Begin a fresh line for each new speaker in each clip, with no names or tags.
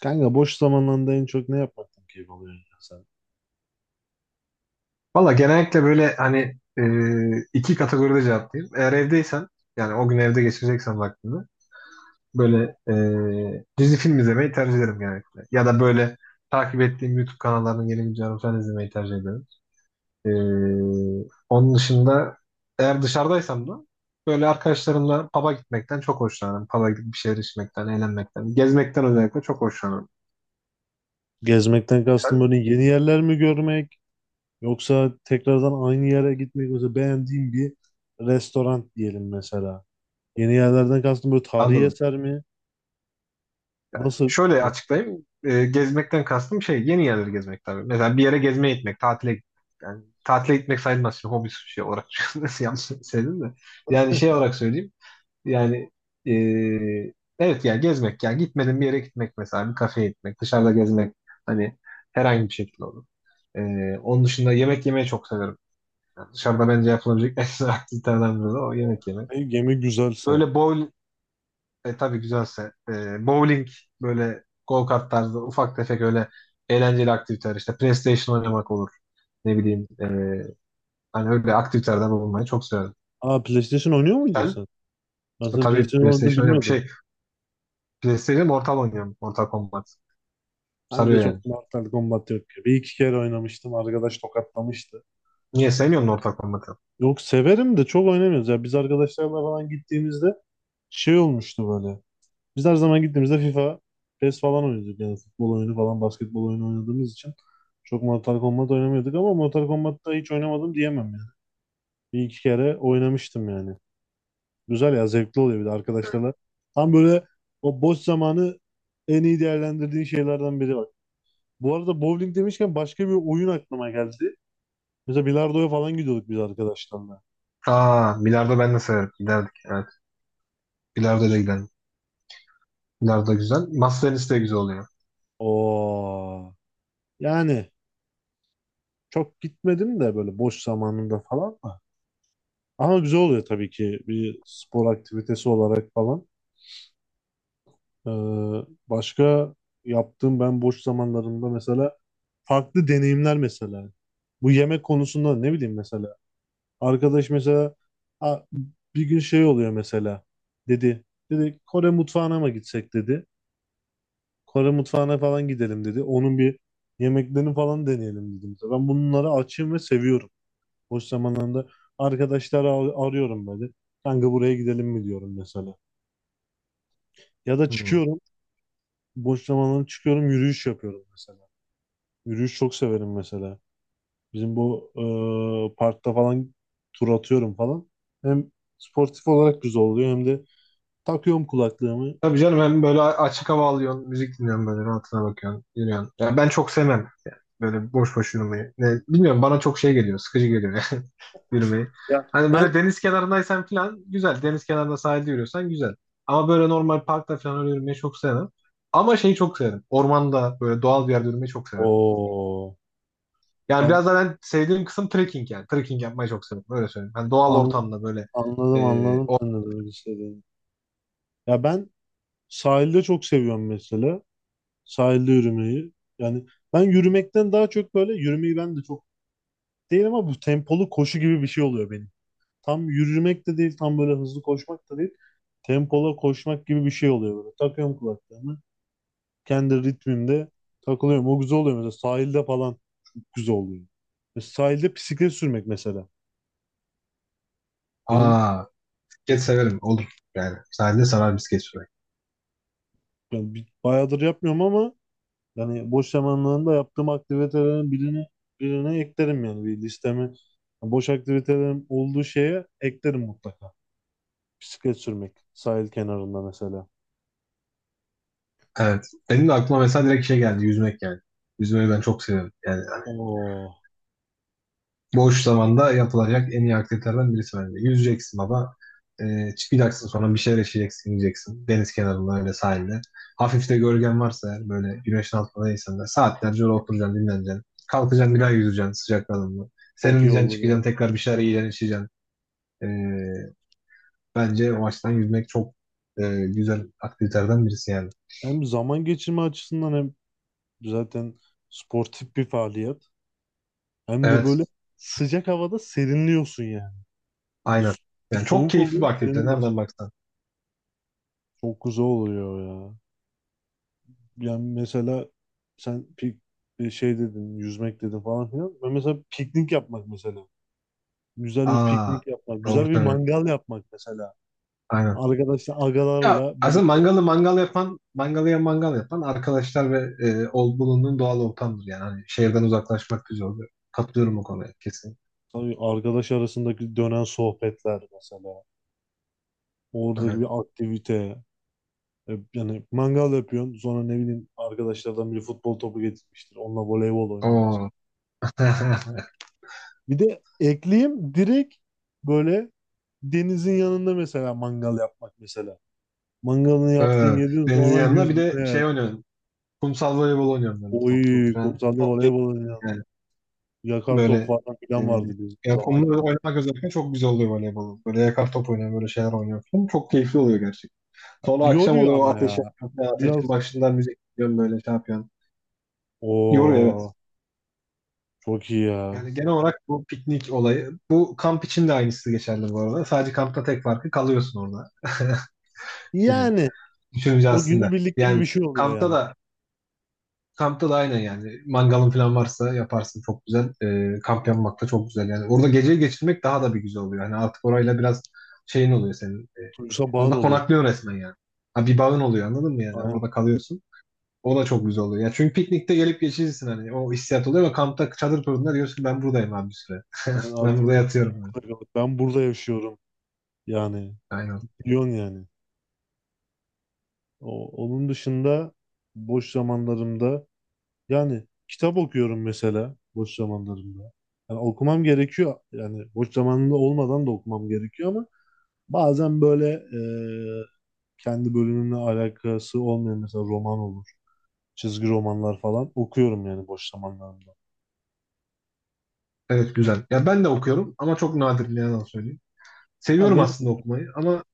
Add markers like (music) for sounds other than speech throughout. Kanka boş zamanlarında en çok ne yapmaktan keyif alıyorsun ya sen?
Valla genellikle böyle hani iki kategoride cevaplayayım. Eğer evdeysen yani o gün evde geçireceksen vaktini böyle dizi film izlemeyi tercih ederim genellikle. Ya da böyle takip ettiğim YouTube kanallarının yeni videolarını falan izlemeyi tercih ederim. E, Onun dışında eğer dışarıdaysam da böyle arkadaşlarımla pub'a gitmekten çok hoşlanırım. Pub'a gidip bir şeyler içmekten, eğlenmekten, gezmekten özellikle çok hoşlanırım.
Gezmekten kastım
Sen?
böyle yeni yerler mi görmek yoksa tekrardan aynı yere gitmek mesela beğendiğin bir restoran diyelim mesela. Yeni yerlerden kastım böyle tarihi
Anladım.
eser mi? Nasıl?
Şöyle açıklayayım. Gezmekten kastım şey yeni yerleri gezmek tabii. Mesela bir yere gezmeye gitmek, tatile yani tatile gitmek sayılmaz şimdi hobi şey olarak (laughs) nasıl yanlış söyledim de. Yani şey olarak söyleyeyim. Yani ee, evet ya gezmek ya gitmedim bir yere gitmek mesela bir kafeye gitmek, dışarıda gezmek hani herhangi bir şekilde olur. Onun dışında yemek yemeyi çok severim. Yani dışarıda bence yapılabilecek (laughs) en güzel aktivitelerden biri de o yemek yemek.
Ne gemi güzelse.
Böyle bol tabii güzelse. Bowling böyle go-kart tarzı ufak tefek öyle eğlenceli aktiviteler işte PlayStation oynamak olur. Ne bileyim hani öyle aktivitelerde bulunmayı çok severim.
Aa, PlayStation oynuyor muydun
Sen.
sen? Ben senin
Tabii
PlayStation oynadığını
PlayStation oynuyorum.
bilmiyordum.
Şey PlayStation Mortal oynuyorum. Mortal Kombat.
Ben de
Sarıyor yani.
çok Mortal Kombat yok ki. Bir iki kere oynamıştım. Arkadaş tokatlamıştı.
Niye sevmiyorsun Mortal Kombat'ı?
Yok, severim de çok oynamıyoruz. Ya biz arkadaşlarla falan gittiğimizde şey olmuştu böyle. Biz her zaman gittiğimizde FIFA, PES falan oynuyorduk yani futbol oyunu falan basketbol oyunu oynadığımız için çok Mortal Kombat oynamıyorduk ama Mortal Kombat'ta hiç oynamadım diyemem yani. Bir iki kere oynamıştım yani. Güzel ya, zevkli oluyor bir de arkadaşlarla. Tam böyle o boş zamanı en iyi değerlendirdiğin şeylerden biri bak. Bu arada bowling demişken başka bir oyun aklıma geldi. Mesela bilardoya falan gidiyorduk biz arkadaşlarla.
Aa, bilardo ben de severim. Giderdik. Evet. Bilardo da gidelim. Bilardo güzel. Masa tenisi de güzel oluyor.
Oo. Yani çok gitmedim de böyle boş zamanında falan. Ama güzel oluyor tabii ki bir spor aktivitesi olarak falan. Ee, başka yaptığım ben boş zamanlarımda mesela farklı deneyimler mesela. Bu yemek konusunda ne bileyim mesela. Arkadaş mesela "Aa, bir gün şey oluyor mesela. Dedi. Dedi Kore mutfağına mı gitsek dedi. Kore mutfağına falan gidelim dedi. Onun bir yemeklerini falan deneyelim dedim. Ben bunları açığım ve seviyorum. Boş zamanlarında arkadaşları arıyorum böyle. Kanka buraya gidelim mi diyorum mesela. Ya da
Hmm.
çıkıyorum, boş zamanlarım çıkıyorum, yürüyüş yapıyorum mesela. Yürüyüş çok severim mesela. Bizim bu parkta falan tur atıyorum falan. Hem sportif olarak güzel oluyor hem de takıyorum kulaklığımı.
Tabii canım, hem böyle açık hava alıyorsun, müzik dinliyorsun, böyle rahatına bakıyorsun, yürüyorsun. Ya ben çok sevmem yani böyle boş boş yürümeyi. Ne, bilmiyorum, bana çok şey geliyor, sıkıcı geliyor (laughs) yani yürümeyi.
Ya
Hani böyle
ben
deniz kenarındaysan falan güzel, deniz kenarında sahilde yürüyorsan güzel. Ama böyle normal parkta falan öyle yürümeyi çok sevmem. Ama şeyi çok severim, ormanda böyle doğal bir yerde yürümeyi çok severim.
o
Yani
ben
biraz da ben sevdiğim kısım trekking yani. Trekking yapmayı çok severim, öyle söyleyeyim. Hani doğal
an-
ortamda böyle...
anladım anladım
O...
sen ne demek istediğini. Ya ben sahilde çok seviyorum mesela. Sahilde yürümeyi. Yani ben yürümekten daha çok böyle yürümeyi ben de çok değil ama bu tempolu koşu gibi bir şey oluyor benim. Tam yürümek de değil, tam böyle hızlı koşmak da değil. Tempola koşmak gibi bir şey oluyor böyle. Takıyorum kulaklığımı. Kendi ritmimde takılıyorum. O güzel oluyor mesela. Sahilde falan çok güzel oluyor. Ve sahilde bisiklet sürmek mesela. Benim
Aa, bisiklet severim, olur yani. Sahilde sarar bisiklet sürmek.
yani bayağıdır yapmıyorum ama yani boş zamanlarında yaptığım aktivitelerin birini birine eklerim yani bir listeme. Yani boş aktivitelerim olduğu şeye eklerim mutlaka. Bisiklet sürmek sahil kenarında mesela.
Evet. Benim de aklıma mesela direkt şey geldi. Yüzmek yani. Yüzmeyi ben çok seviyorum. Yani hani
Oo,
boş zamanda yapılacak en iyi aktivitelerden birisi bence. Yüzeceksin baba. Çıkacaksın sonra bir şeyler yaşayacaksın, yiyeceksin. Deniz kenarında öyle sahilde. Hafif de gölgen varsa eğer böyle güneşin altındaysan da saatlerce öyle oturacaksın, dinleneceksin. Kalkacaksın bir daha yüzeceksin sıcaklarında.
çok iyi
Serinleyeceksin,
olur ya.
çıkacaksın tekrar bir şeyler yiyeceksin, içeceksin. Ee, Bence o açıdan yüzmek çok güzel aktivitelerden birisi yani.
Hem zaman geçirme açısından hem zaten sportif bir faaliyet. Hem de böyle
Evet.
sıcak havada serinliyorsun yani.
Aynen.
So-
Yani çok
Soğuk
keyifli bir
oluyor,
aktivite. Nereden
serinliyorsun.
baksan.
Çok güzel oluyor ya. Yani mesela sen şey dedin, yüzmek dedin falan filan. Ben mesela piknik yapmak mesela. Güzel bir
Aa,
piknik yapmak,
doğru
güzel bir
söylüyorsun.
mangal yapmak mesela.
Aynen.
Arkadaşlar,
Ya,
agalarla
aslında
birlikte
mangalı mangal yapan, mangalıya mangal yapan arkadaşlar ve bulunduğun doğal ortamdır yani. Hani şehirden uzaklaşmak güzel oluyor. Katılıyorum o konuya kesin.
tabii arkadaş arasındaki dönen sohbetler mesela. Oradaki
Evet.
bir aktivite. Yani mangal yapıyorsun. Sonra ne bileyim arkadaşlardan biri futbol topu getirmiştir. Onunla voleybol oynuyorum
Oo.
mesela.
(laughs)
Bir de ekleyeyim direkt böyle denizin yanında mesela mangal yapmak mesela. Mangalını yaptın
Evet.
yedin
Denizin
sonra
yanında bir de
yüzme yani.
şey oynuyorum. Kumsal voleybol oynuyorum böyle
Oy
toplu falan.
kumsalda
Çok keyifli
voleybol oynayan.
yani.
Yakar top
Böyle
falan
e,
filan vardı bizim
ya kumla
zaman.
oynamak özellikle çok güzel oluyor voleybol. Böyle yakar top oynuyorum, böyle şeyler oynuyorum falan. Çok keyifli oluyor gerçekten. Sonra akşam
Yoruyor
oluyor,
ama
ateş
ya.
yakıyorsun. Yani ateşin
Biraz
başından müzik dinliyorsun, böyle şey yapıyorsun. Yoruyor evet.
o çok iyi ya.
Yani genel olarak bu piknik olayı. Bu kamp için de aynısı geçerli bu arada. Sadece kampta tek farkı kalıyorsun orada. (laughs) Yani
Yani
düşününce
o
aslında.
günübirlik gibi bir
Yani
şey oluyor
kampta
yani.
da kampta da aynen yani. Mangalın falan varsa yaparsın çok güzel. Kamp yapmak da çok güzel. Yani orada geceyi geçirmek daha da bir güzel oluyor. Yani artık orayla biraz şeyin oluyor senin.
Duygusa bağın
Orada
oluyor.
konaklıyorsun resmen yani. Ha, bir bağın oluyor, anladın mı yani? Orada kalıyorsun. O da çok güzel oluyor. Ya çünkü piknikte gelip geçirirsin hani. O hissiyat oluyor ama kampta çadır kurduğunda diyorsun ki ben buradayım abi bir süre. (laughs)
Ben
Ben
artık
burada
burada,
yatıyorum. Yani.
burada kalıp ben burada yaşıyorum. Yani
Aynen.
biliyorsun yani. O, onun dışında boş zamanlarımda yani kitap okuyorum mesela boş zamanlarımda. Yani okumam gerekiyor. Yani boş zamanında olmadan da okumam gerekiyor ama bazen böyle kendi bölümümle alakası olmayan mesela roman olur. Çizgi romanlar falan okuyorum yani boş zamanlarımda.
Evet, güzel. Ya ben de okuyorum ama çok nadir, ne yalan söyleyeyim.
Ha,
Seviyorum aslında okumayı ama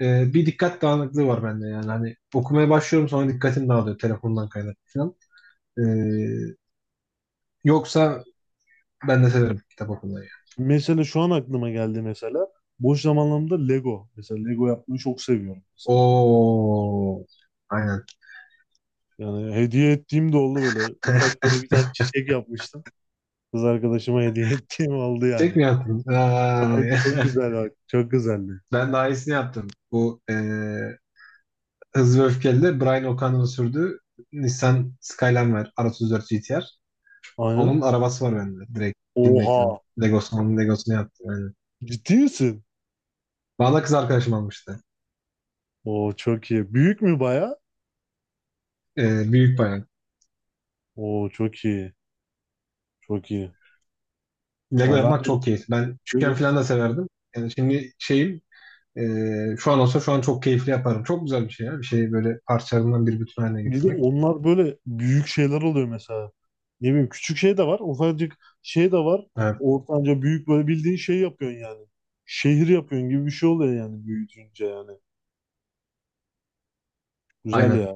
bir dikkat dağınıklığı var bende yani. Hani okumaya başlıyorum sonra dikkatim dağılıyor, telefondan kaynaklı falan. E, Yoksa ben de severim kitap okumayı. Yani.
mesela şu an aklıma geldi mesela. Boş zamanlarımda Lego. Mesela Lego yapmayı çok seviyorum mesela.
Oo. Aynen.
Yani hediye ettiğim de oldu böyle.
(laughs)
Ufak böyle bir tane çiçek yapmıştım. Kız arkadaşıma hediye (laughs) ettiğim oldu
Tek
yani.
mi yaptın?
Abi
Ay.
çok
(laughs)
güzel bak. Çok güzeldi.
Ben daha iyisini yaptım. Bu Hızlı ve Öfkeli'de Brian O'Connor'ın sürdüğü Nissan Skyline var. R34 GT-R.
Aynen.
Onun arabası var bende. Direkt bilmek yani.
Oha.
Onun Legosunu yaptım. Yani.
Ciddi misin?
Bana kız arkadaşım almıştı.
Oo, çok iyi. Büyük mü baya?
Büyük bayan.
Oo, çok iyi. Çok iyi.
Lego
Ya
yapmak
ben
çok keyifli. Ben küçükken falan da severdim. Yani şimdi şeyim şu an olsa şu an çok keyifli yaparım. Çok güzel bir şey ya. Bir şeyi böyle parçalarından bir bütün haline
Bir de
getirmek.
onlar böyle büyük şeyler oluyor mesela. Ne bileyim, küçük şey de var, ufacık şey de var.
Evet,
Ortanca büyük böyle bildiğin şey yapıyorsun yani. Şehir yapıyorsun gibi bir şey oluyor yani büyütünce yani. Güzel
aynen.
ya.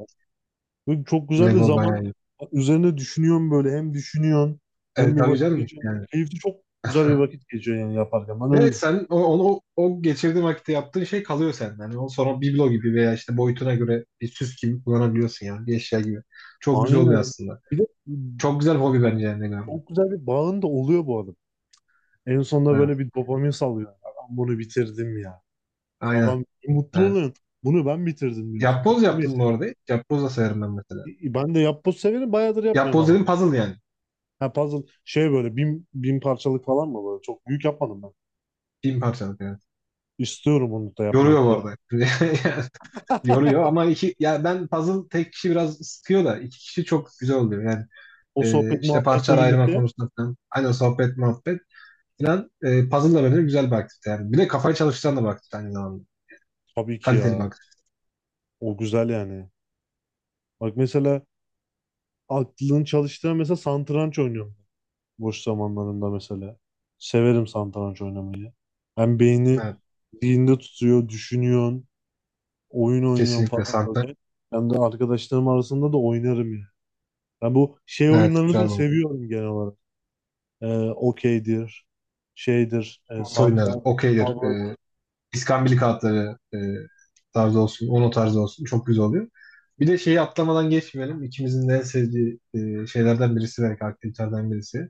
Böyle çok güzel de
Lego
zaman
bayağı iyi.
üzerine düşünüyorsun böyle. Hem düşünüyorsun hem
Evet,
bir
tabii
vakit
canım.
geçiyorsun.
Yani.
Keyifli, çok güzel bir vakit geçiyor yani yaparken. Ben
Ve
öyle düşünüyorum.
sen o geçirdiğin vakitte yaptığın şey kalıyor senden. Yani o sonra biblo gibi veya işte boyutuna göre bir süs gibi kullanabiliyorsun yani. Bir eşya gibi. Çok güzel oluyor
Aynen.
aslında.
Bir de
Çok güzel hobi bence yani. Lego'nun.
çok güzel bir bağın da oluyor bu arada. En sonunda böyle
Evet.
bir dopamin salıyor. Ben bunu bitirdim ya,
Aynen.
falan mutlu
Evet.
oluyorsun. Bunu ben bitirdim diyorsun. Bu
Yapboz
benim
yaptın bu
eserim.
arada. Yapboz da sayarım ben mesela.
Ben de yapboz severim. Bayağıdır yapmıyorum
Yapboz
ama.
dedim, puzzle yani.
Ha, puzzle şey böyle bin, bin parçalık falan mı böyle? Çok büyük yapmadım ben.
1000 parçalık yani.
İstiyorum onu da
Yoruyor
yapmak
bu
ya.
arada. (laughs) Yani yoruyor ama iki, ya ben puzzle tek kişi biraz sıkıyor da iki kişi çok güzel oluyor yani.
O sohbet
İşte
muhabbetle
parçalar ayırma
birlikte
konusunda falan. Aynen sohbet muhabbet. İnan puzzle'la beraber güzel bir aktivite yani. Bir de kafayı çalıştıran da bir aktivite aynı zamanda.
tabii ki
Kaliteli bir
ya.
aktivite.
O güzel yani. Bak mesela aklın çalıştığı mesela satranç oynuyorum. Boş zamanlarımda mesela. Severim satranç oynamayı. Hem beyni
Evet,
zihinde tutuyor, düşünüyorsun. Oyun oynuyorum
kesinlikle
falan
santa.
böyle. Hem de arkadaşlarım arasında da oynarım yani. Ben bu şey
Evet,
oyunlarını da
güzel bu.
seviyorum genel olarak. Okeydir, şeydir,
Masa oyunları,
satranç,
okeydir,
tavla.
iskambil kağıtları tarzı olsun, ono tarzı olsun çok güzel oluyor. Bir de şeyi atlamadan geçmeyelim. İkimizin de en sevdiği şeylerden birisi, belki aktivitelerden birisi.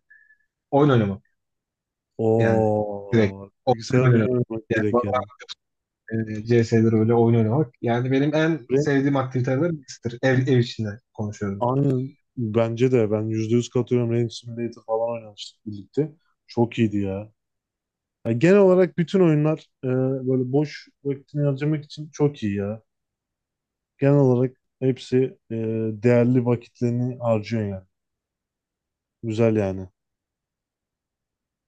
Oyun oynamak yani direkt.
Oo,
Oyun
bilgisayar
oynamak.
oyunu oynamak
Yani
direkt
bana,
yani.
CS'de öyle oyun oynamak. Yani benim en
Ve
sevdiğim aktivitelerden birisidir. Ev içinde konuşuyorum.
aynen bence de ben %100 katılıyorum. Rain Simulator falan oynamıştık birlikte. Çok iyiydi ya. Ya genel olarak bütün oyunlar böyle boş vaktini harcamak için çok iyi ya. Genel olarak hepsi değerli vakitlerini harcıyor yani. Güzel yani.